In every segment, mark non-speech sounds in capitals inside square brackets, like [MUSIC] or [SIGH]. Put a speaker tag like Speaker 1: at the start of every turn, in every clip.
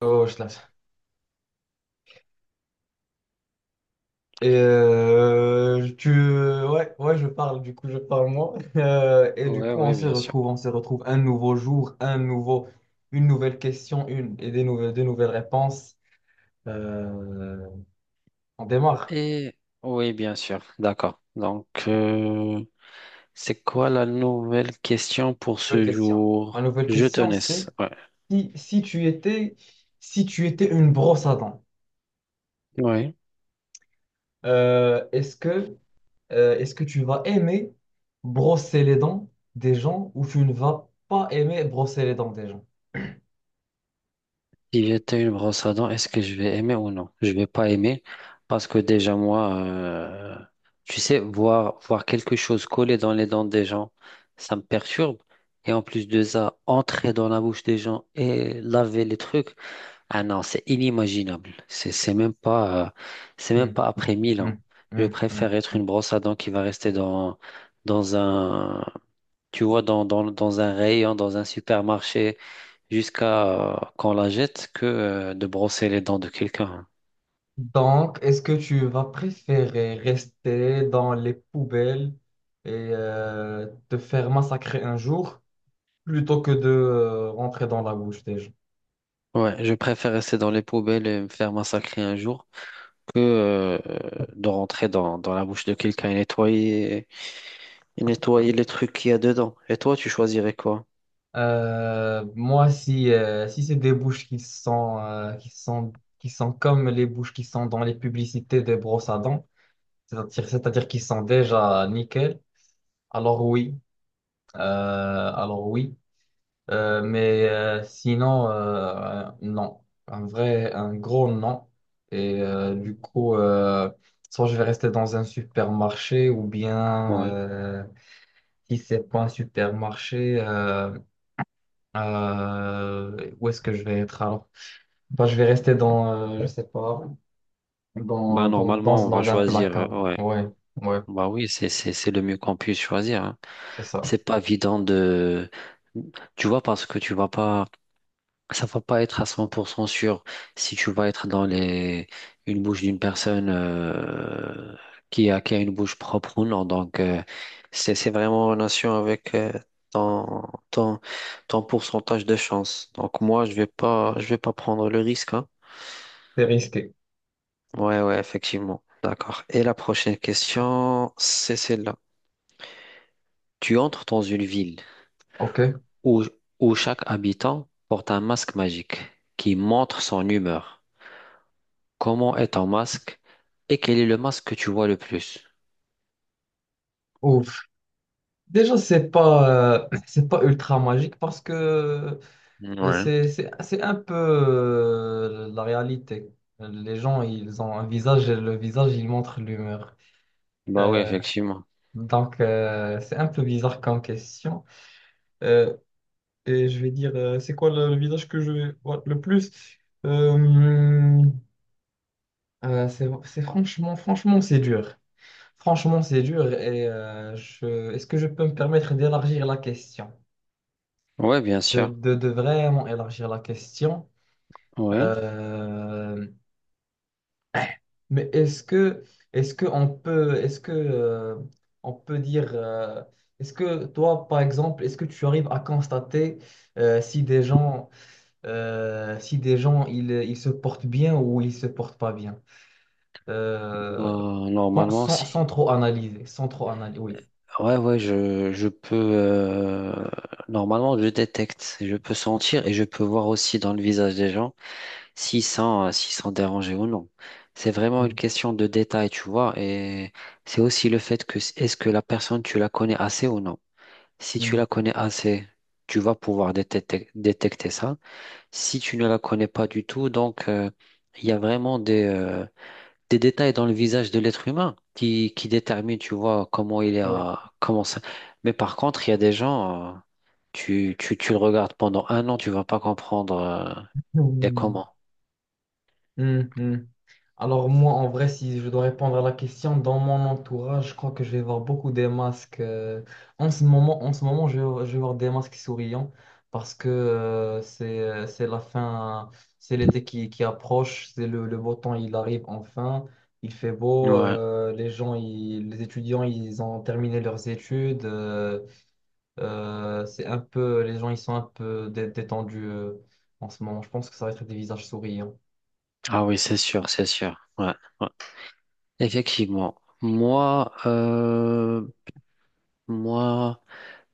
Speaker 1: Oh, je lâche. Tu, ouais, ouais, je parle, du coup, je parle moi. [LAUGHS] Et du
Speaker 2: Ouais,
Speaker 1: coup,
Speaker 2: ouais, bien sûr.
Speaker 1: on se retrouve un nouveau jour, un nouveau, une nouvelle question, une et des nouvelles réponses. Euh, on démarre.
Speaker 2: Et oui, bien sûr. D'accord. Donc, c'est quoi la nouvelle question pour
Speaker 1: Nouvelle
Speaker 2: ce
Speaker 1: question. La
Speaker 2: jour?
Speaker 1: nouvelle
Speaker 2: Je te
Speaker 1: question, c'est
Speaker 2: laisse. Ouais.
Speaker 1: si tu étais, si tu étais une brosse à dents,
Speaker 2: Ouais.
Speaker 1: euh, est-ce que, est-ce que tu vas aimer brosser les dents des gens ou tu ne vas pas aimer brosser les dents des gens?
Speaker 2: Si j'étais une brosse à dents, est-ce que je vais aimer ou non? Je vais pas aimer parce que déjà moi, tu sais, voir quelque chose coller dans les dents des gens, ça me perturbe. Et en plus de ça, entrer dans la bouche des gens et laver les trucs. Ah non, c'est inimaginable. C'est même pas, c'est même
Speaker 1: Hmm.
Speaker 2: pas après mille
Speaker 1: Hmm,
Speaker 2: ans. Je
Speaker 1: hmm, hmm,
Speaker 2: préfère être
Speaker 1: hmm.
Speaker 2: une brosse à dents qui va rester dans, dans un, tu vois, dans, dans, dans un rayon, dans un supermarché, jusqu'à qu'on la jette, que de brosser les dents de quelqu'un.
Speaker 1: Donc, est-ce que tu vas préférer rester dans les poubelles et te faire massacrer un jour plutôt que de rentrer dans la bouche des gens?
Speaker 2: Ouais, je préfère rester dans les poubelles et me faire massacrer un jour que de rentrer dans la bouche de quelqu'un et nettoyer les trucs qu'il y a dedans. Et toi, tu choisirais quoi?
Speaker 1: Moi, si, si c'est des bouches qui sont, qui sont, qui sont comme les bouches qui sont dans les publicités des brosses à dents, c'est-à-dire qui sont déjà nickel, alors oui. Alors oui. Mais sinon, non. Un vrai, un gros non. Et du coup, soit je vais rester dans un supermarché ou bien, si c'est pas un supermarché, où est-ce que je vais être alors? Bah, je vais rester dans, je sais pas,
Speaker 2: Bah,
Speaker 1: dans, dans, dans,
Speaker 2: normalement, on va
Speaker 1: dans un
Speaker 2: choisir.
Speaker 1: placard.
Speaker 2: Ouais.
Speaker 1: Ouais, ouais,
Speaker 2: Bah oui, c'est le mieux qu'on puisse choisir, hein.
Speaker 1: c'est ça.
Speaker 2: C'est pas évident de. Tu vois, parce que tu vas pas. Ça va pas être à 100% sûr si tu vas être dans les une bouche d'une personne qui a une bouche propre ou non. Donc, c'est vraiment en relation avec ton, ton, ton pourcentage de chance. Donc, moi, je vais pas prendre le risque, hein.
Speaker 1: C'est risqué.
Speaker 2: Ouais, ouais, effectivement. D'accord. Et la prochaine question, c'est celle-là. Tu entres dans une ville
Speaker 1: Ok.
Speaker 2: où, où chaque habitant porte un masque magique qui montre son humeur. Comment est ton masque et quel est le masque que tu vois le plus?
Speaker 1: Ouf. Déjà, c'est pas, [CLEARS THROAT] c'est pas ultra magique parce que
Speaker 2: Ouais.
Speaker 1: c'est un peu la réalité. Les gens, ils ont un visage et le visage, il montre l'humeur.
Speaker 2: Bah oui,
Speaker 1: Euh,
Speaker 2: effectivement.
Speaker 1: donc, c'est un peu bizarre comme question. Euh, et je vais dire, c'est quoi le visage que je vais voir le plus? Euh, c'est franchement, franchement, c'est dur. Franchement, c'est dur. Et je, est-ce que je peux me permettre d'élargir la question?
Speaker 2: Ouais, bien
Speaker 1: De,
Speaker 2: sûr.
Speaker 1: de, de vraiment élargir la question?
Speaker 2: Ouais.
Speaker 1: Euh, Mais est-ce que on peut est-ce que on peut dire est-ce que toi par exemple est-ce que tu arrives à constater si des gens si des gens ils se portent bien ou ils se portent pas bien. Euh,
Speaker 2: Bah,
Speaker 1: sans,
Speaker 2: normalement,
Speaker 1: sans-
Speaker 2: si.
Speaker 1: sans trop analyser, sans trop analyser, oui.
Speaker 2: Ouais, ouais, je peux. Normalement, je détecte. Je peux sentir et je peux voir aussi dans le visage des gens. S'ils sont dérangés ou non. C'est vraiment une
Speaker 1: Mm,
Speaker 2: question de détail, tu vois, et c'est aussi le fait que est-ce que la personne, tu la connais assez ou non. Si tu
Speaker 1: mm.
Speaker 2: la connais assez, tu vas pouvoir détecter ça. Si tu ne la connais pas du tout, donc il y a vraiment des détails dans le visage de l'être humain qui déterminent, tu vois, comment il est, comment ça. Mais par contre, il y a des gens, tu le regardes pendant un an, tu vas pas comprendre, il est
Speaker 1: Oui.
Speaker 2: comment.
Speaker 1: Hmm. Hum. Alors moi, en vrai, si je dois répondre à la question, dans mon entourage, je crois que je vais voir beaucoup des masques. Euh, en ce moment, je vais voir des masques souriants parce que c'est la fin, c'est l'été qui approche, c'est le beau temps, il arrive enfin, il fait beau,
Speaker 2: Ouais.
Speaker 1: les gens, les étudiants, ils ont terminé leurs études, c'est un peu, les gens, ils sont un peu détendus en ce moment. Je pense que ça va être des visages souriants.
Speaker 2: Ah oui, c'est sûr, c'est sûr. Ouais, ouais. Effectivement. Moi,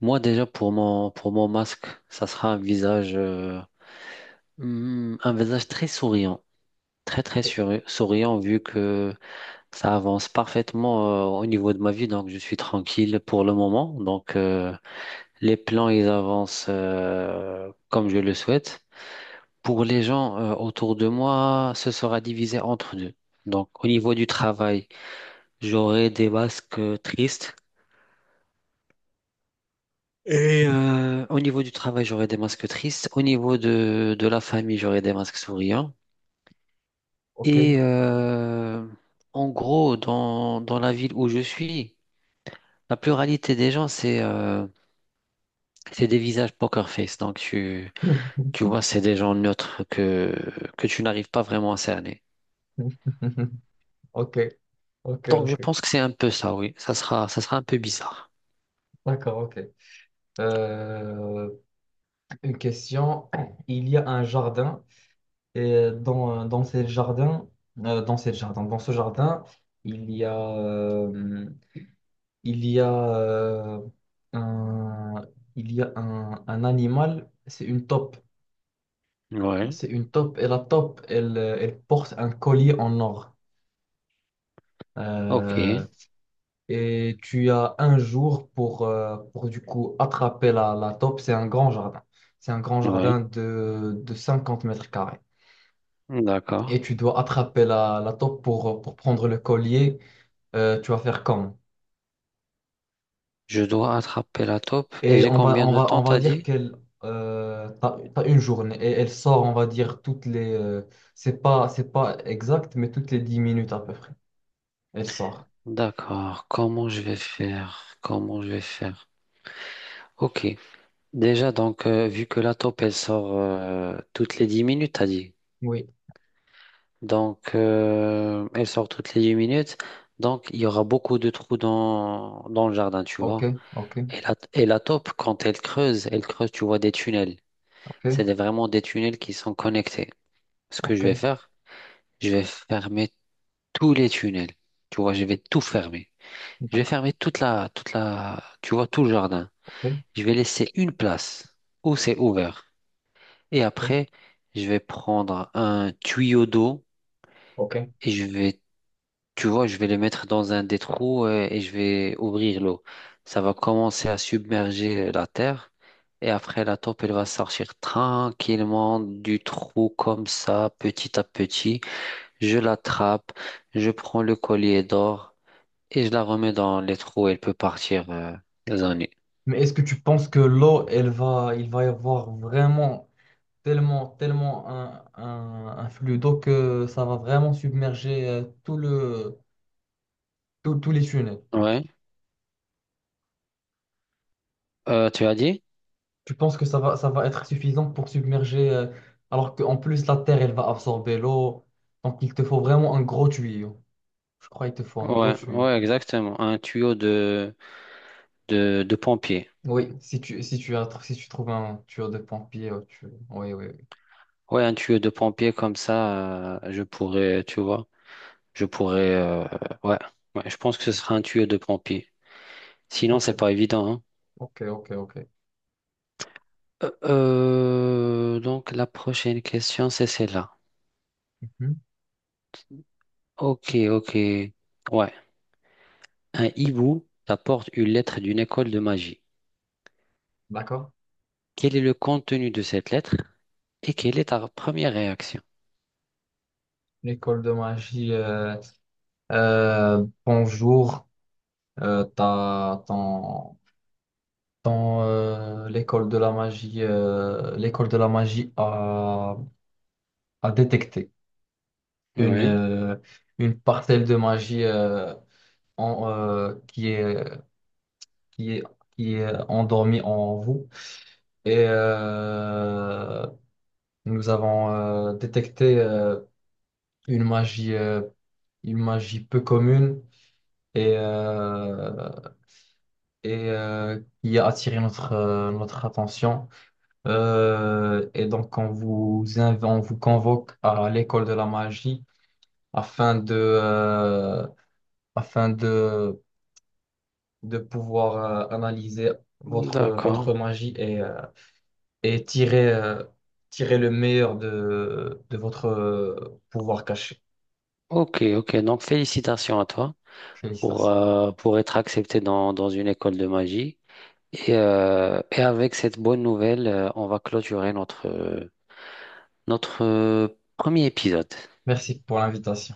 Speaker 2: moi déjà pour mon masque, ça sera un visage un visage très souriant, très très souriant vu que ça avance parfaitement au niveau de ma vie, donc je suis tranquille pour le moment. Donc les plans ils avancent comme je le souhaite. Pour les gens autour de moi, ce sera divisé entre deux. Donc au niveau du travail. J'aurai des masques tristes. Et au niveau du travail, j'aurai des masques tristes. Au niveau de la famille, j'aurai des masques souriants.
Speaker 1: Ok.
Speaker 2: Et en gros, dans la ville où je suis, la pluralité des gens, c'est des visages poker face. Donc, tu
Speaker 1: [LAUGHS]
Speaker 2: vois, c'est des gens neutres que tu n'arrives pas vraiment à cerner.
Speaker 1: Ok, ok,
Speaker 2: Donc, je
Speaker 1: ok.
Speaker 2: pense que c'est un peu ça, oui. Ça sera un peu bizarre.
Speaker 1: D'accord, ok. Euh, une question. Il y a un jardin et dans ce jardin, dans ce jardin, il y a, il y a, euh, un, il y a un animal. C'est une taupe.
Speaker 2: Ouais.
Speaker 1: C'est une taupe et la taupe, elle, elle porte un collier en or.
Speaker 2: Ok.
Speaker 1: Euh, et tu as un jour pour du coup attraper la, la taupe. C'est un grand jardin. C'est un grand
Speaker 2: Ouais.
Speaker 1: jardin de 50 mètres carrés.
Speaker 2: D'accord.
Speaker 1: Et tu dois attraper la, la taupe pour prendre le collier. Tu vas faire comme.
Speaker 2: Je dois attraper la taupe. Et
Speaker 1: Et
Speaker 2: j'ai combien de temps,
Speaker 1: on va
Speaker 2: t'as
Speaker 1: dire
Speaker 2: dit?
Speaker 1: qu'elle... t'as, t'as une journée et elle sort, on va dire, toutes les... c'est pas exact, mais toutes les 10 minutes à peu près. Elle sort.
Speaker 2: D'accord. Comment je vais faire? Comment je vais faire? Ok. Déjà, donc, vu que la taupe, elle sort toutes les 10 minutes, t'as dit.
Speaker 1: Oui.
Speaker 2: Donc, elle sort toutes les 10 minutes. Donc, il y aura beaucoup de trous dans le jardin, tu
Speaker 1: Ok,
Speaker 2: vois.
Speaker 1: ok,
Speaker 2: Et la taupe, quand elle creuse, tu vois, des tunnels. C'est
Speaker 1: ok,
Speaker 2: des- vraiment des tunnels qui sont connectés. Ce que je
Speaker 1: ok.
Speaker 2: vais faire, je vais fermer tous les tunnels. Tu vois, je vais tout fermer. Je vais
Speaker 1: D'accord.
Speaker 2: fermer toute la, tu vois, tout le jardin.
Speaker 1: Ok,
Speaker 2: Je vais laisser une place où c'est ouvert. Et
Speaker 1: ok.
Speaker 2: après, je vais prendre un tuyau d'eau
Speaker 1: Ok.
Speaker 2: et je vais, tu vois, je vais le mettre dans un des trous et je vais ouvrir l'eau. Ça va commencer à submerger la terre. Et après, la taupe, elle va sortir tranquillement du trou comme ça, petit à petit. Je l'attrape, je prends le collier d'or et je la remets dans les trous. Elle peut partir, dans.
Speaker 1: Mais est-ce que tu penses que l'eau, elle va, il va y avoir vraiment tellement, tellement un flux d'eau que ça va vraiment submerger tout le, tous les tunnels?
Speaker 2: Ouais. Tu as dit?
Speaker 1: Tu penses que ça va être suffisant pour submerger, alors qu'en plus la terre, elle va absorber l'eau. Donc il te faut vraiment un gros tuyau. Je crois qu'il te faut un gros
Speaker 2: Ouais,
Speaker 1: tuyau.
Speaker 2: ouais, exactement. Un tuyau de pompier.
Speaker 1: Oui, si tu, si tu, si tu trouves un tuyau de pompier, tu... oui, oui, oui.
Speaker 2: Ouais, un tuyau de pompier comme ça, je pourrais, tu vois, je pourrais, ouais, ouais, je pense que ce sera un tuyau de pompier. Sinon,
Speaker 1: Ok,
Speaker 2: c'est pas évident, hein.
Speaker 1: ok, ok, ok.
Speaker 2: Donc, la prochaine question, c'est celle-là.
Speaker 1: Mhm.
Speaker 2: Ok, ok. Ouais. Un hibou t'apporte une lettre d'une école de magie.
Speaker 1: D'accord.
Speaker 2: Quel est le contenu de cette lettre et quelle est ta première réaction?
Speaker 1: L'école de magie. Bonjour, t'as, ton, ton, l'école de la magie, l'école de la magie a, a détecté une,
Speaker 2: Ouais,
Speaker 1: euh, une parcelle de magie en, qui est, qui est, qui est endormie en vous. Et nous avons détecté une magie, euh, une magie peu commune et, euh, et qui a attiré notre, notre attention. Et donc, on vous, on vous convoque à l'école de la magie afin de, euh, afin de pouvoir analyser votre,
Speaker 2: d'accord.
Speaker 1: votre magie et tirer, tirer le meilleur de votre pouvoir caché.
Speaker 2: Ok, ok. Donc, félicitations à toi pour,
Speaker 1: Félicitations.
Speaker 2: euh, pour être accepté dans une école de magie. Et avec cette bonne nouvelle, on va clôturer notre premier épisode.
Speaker 1: Merci pour l'invitation.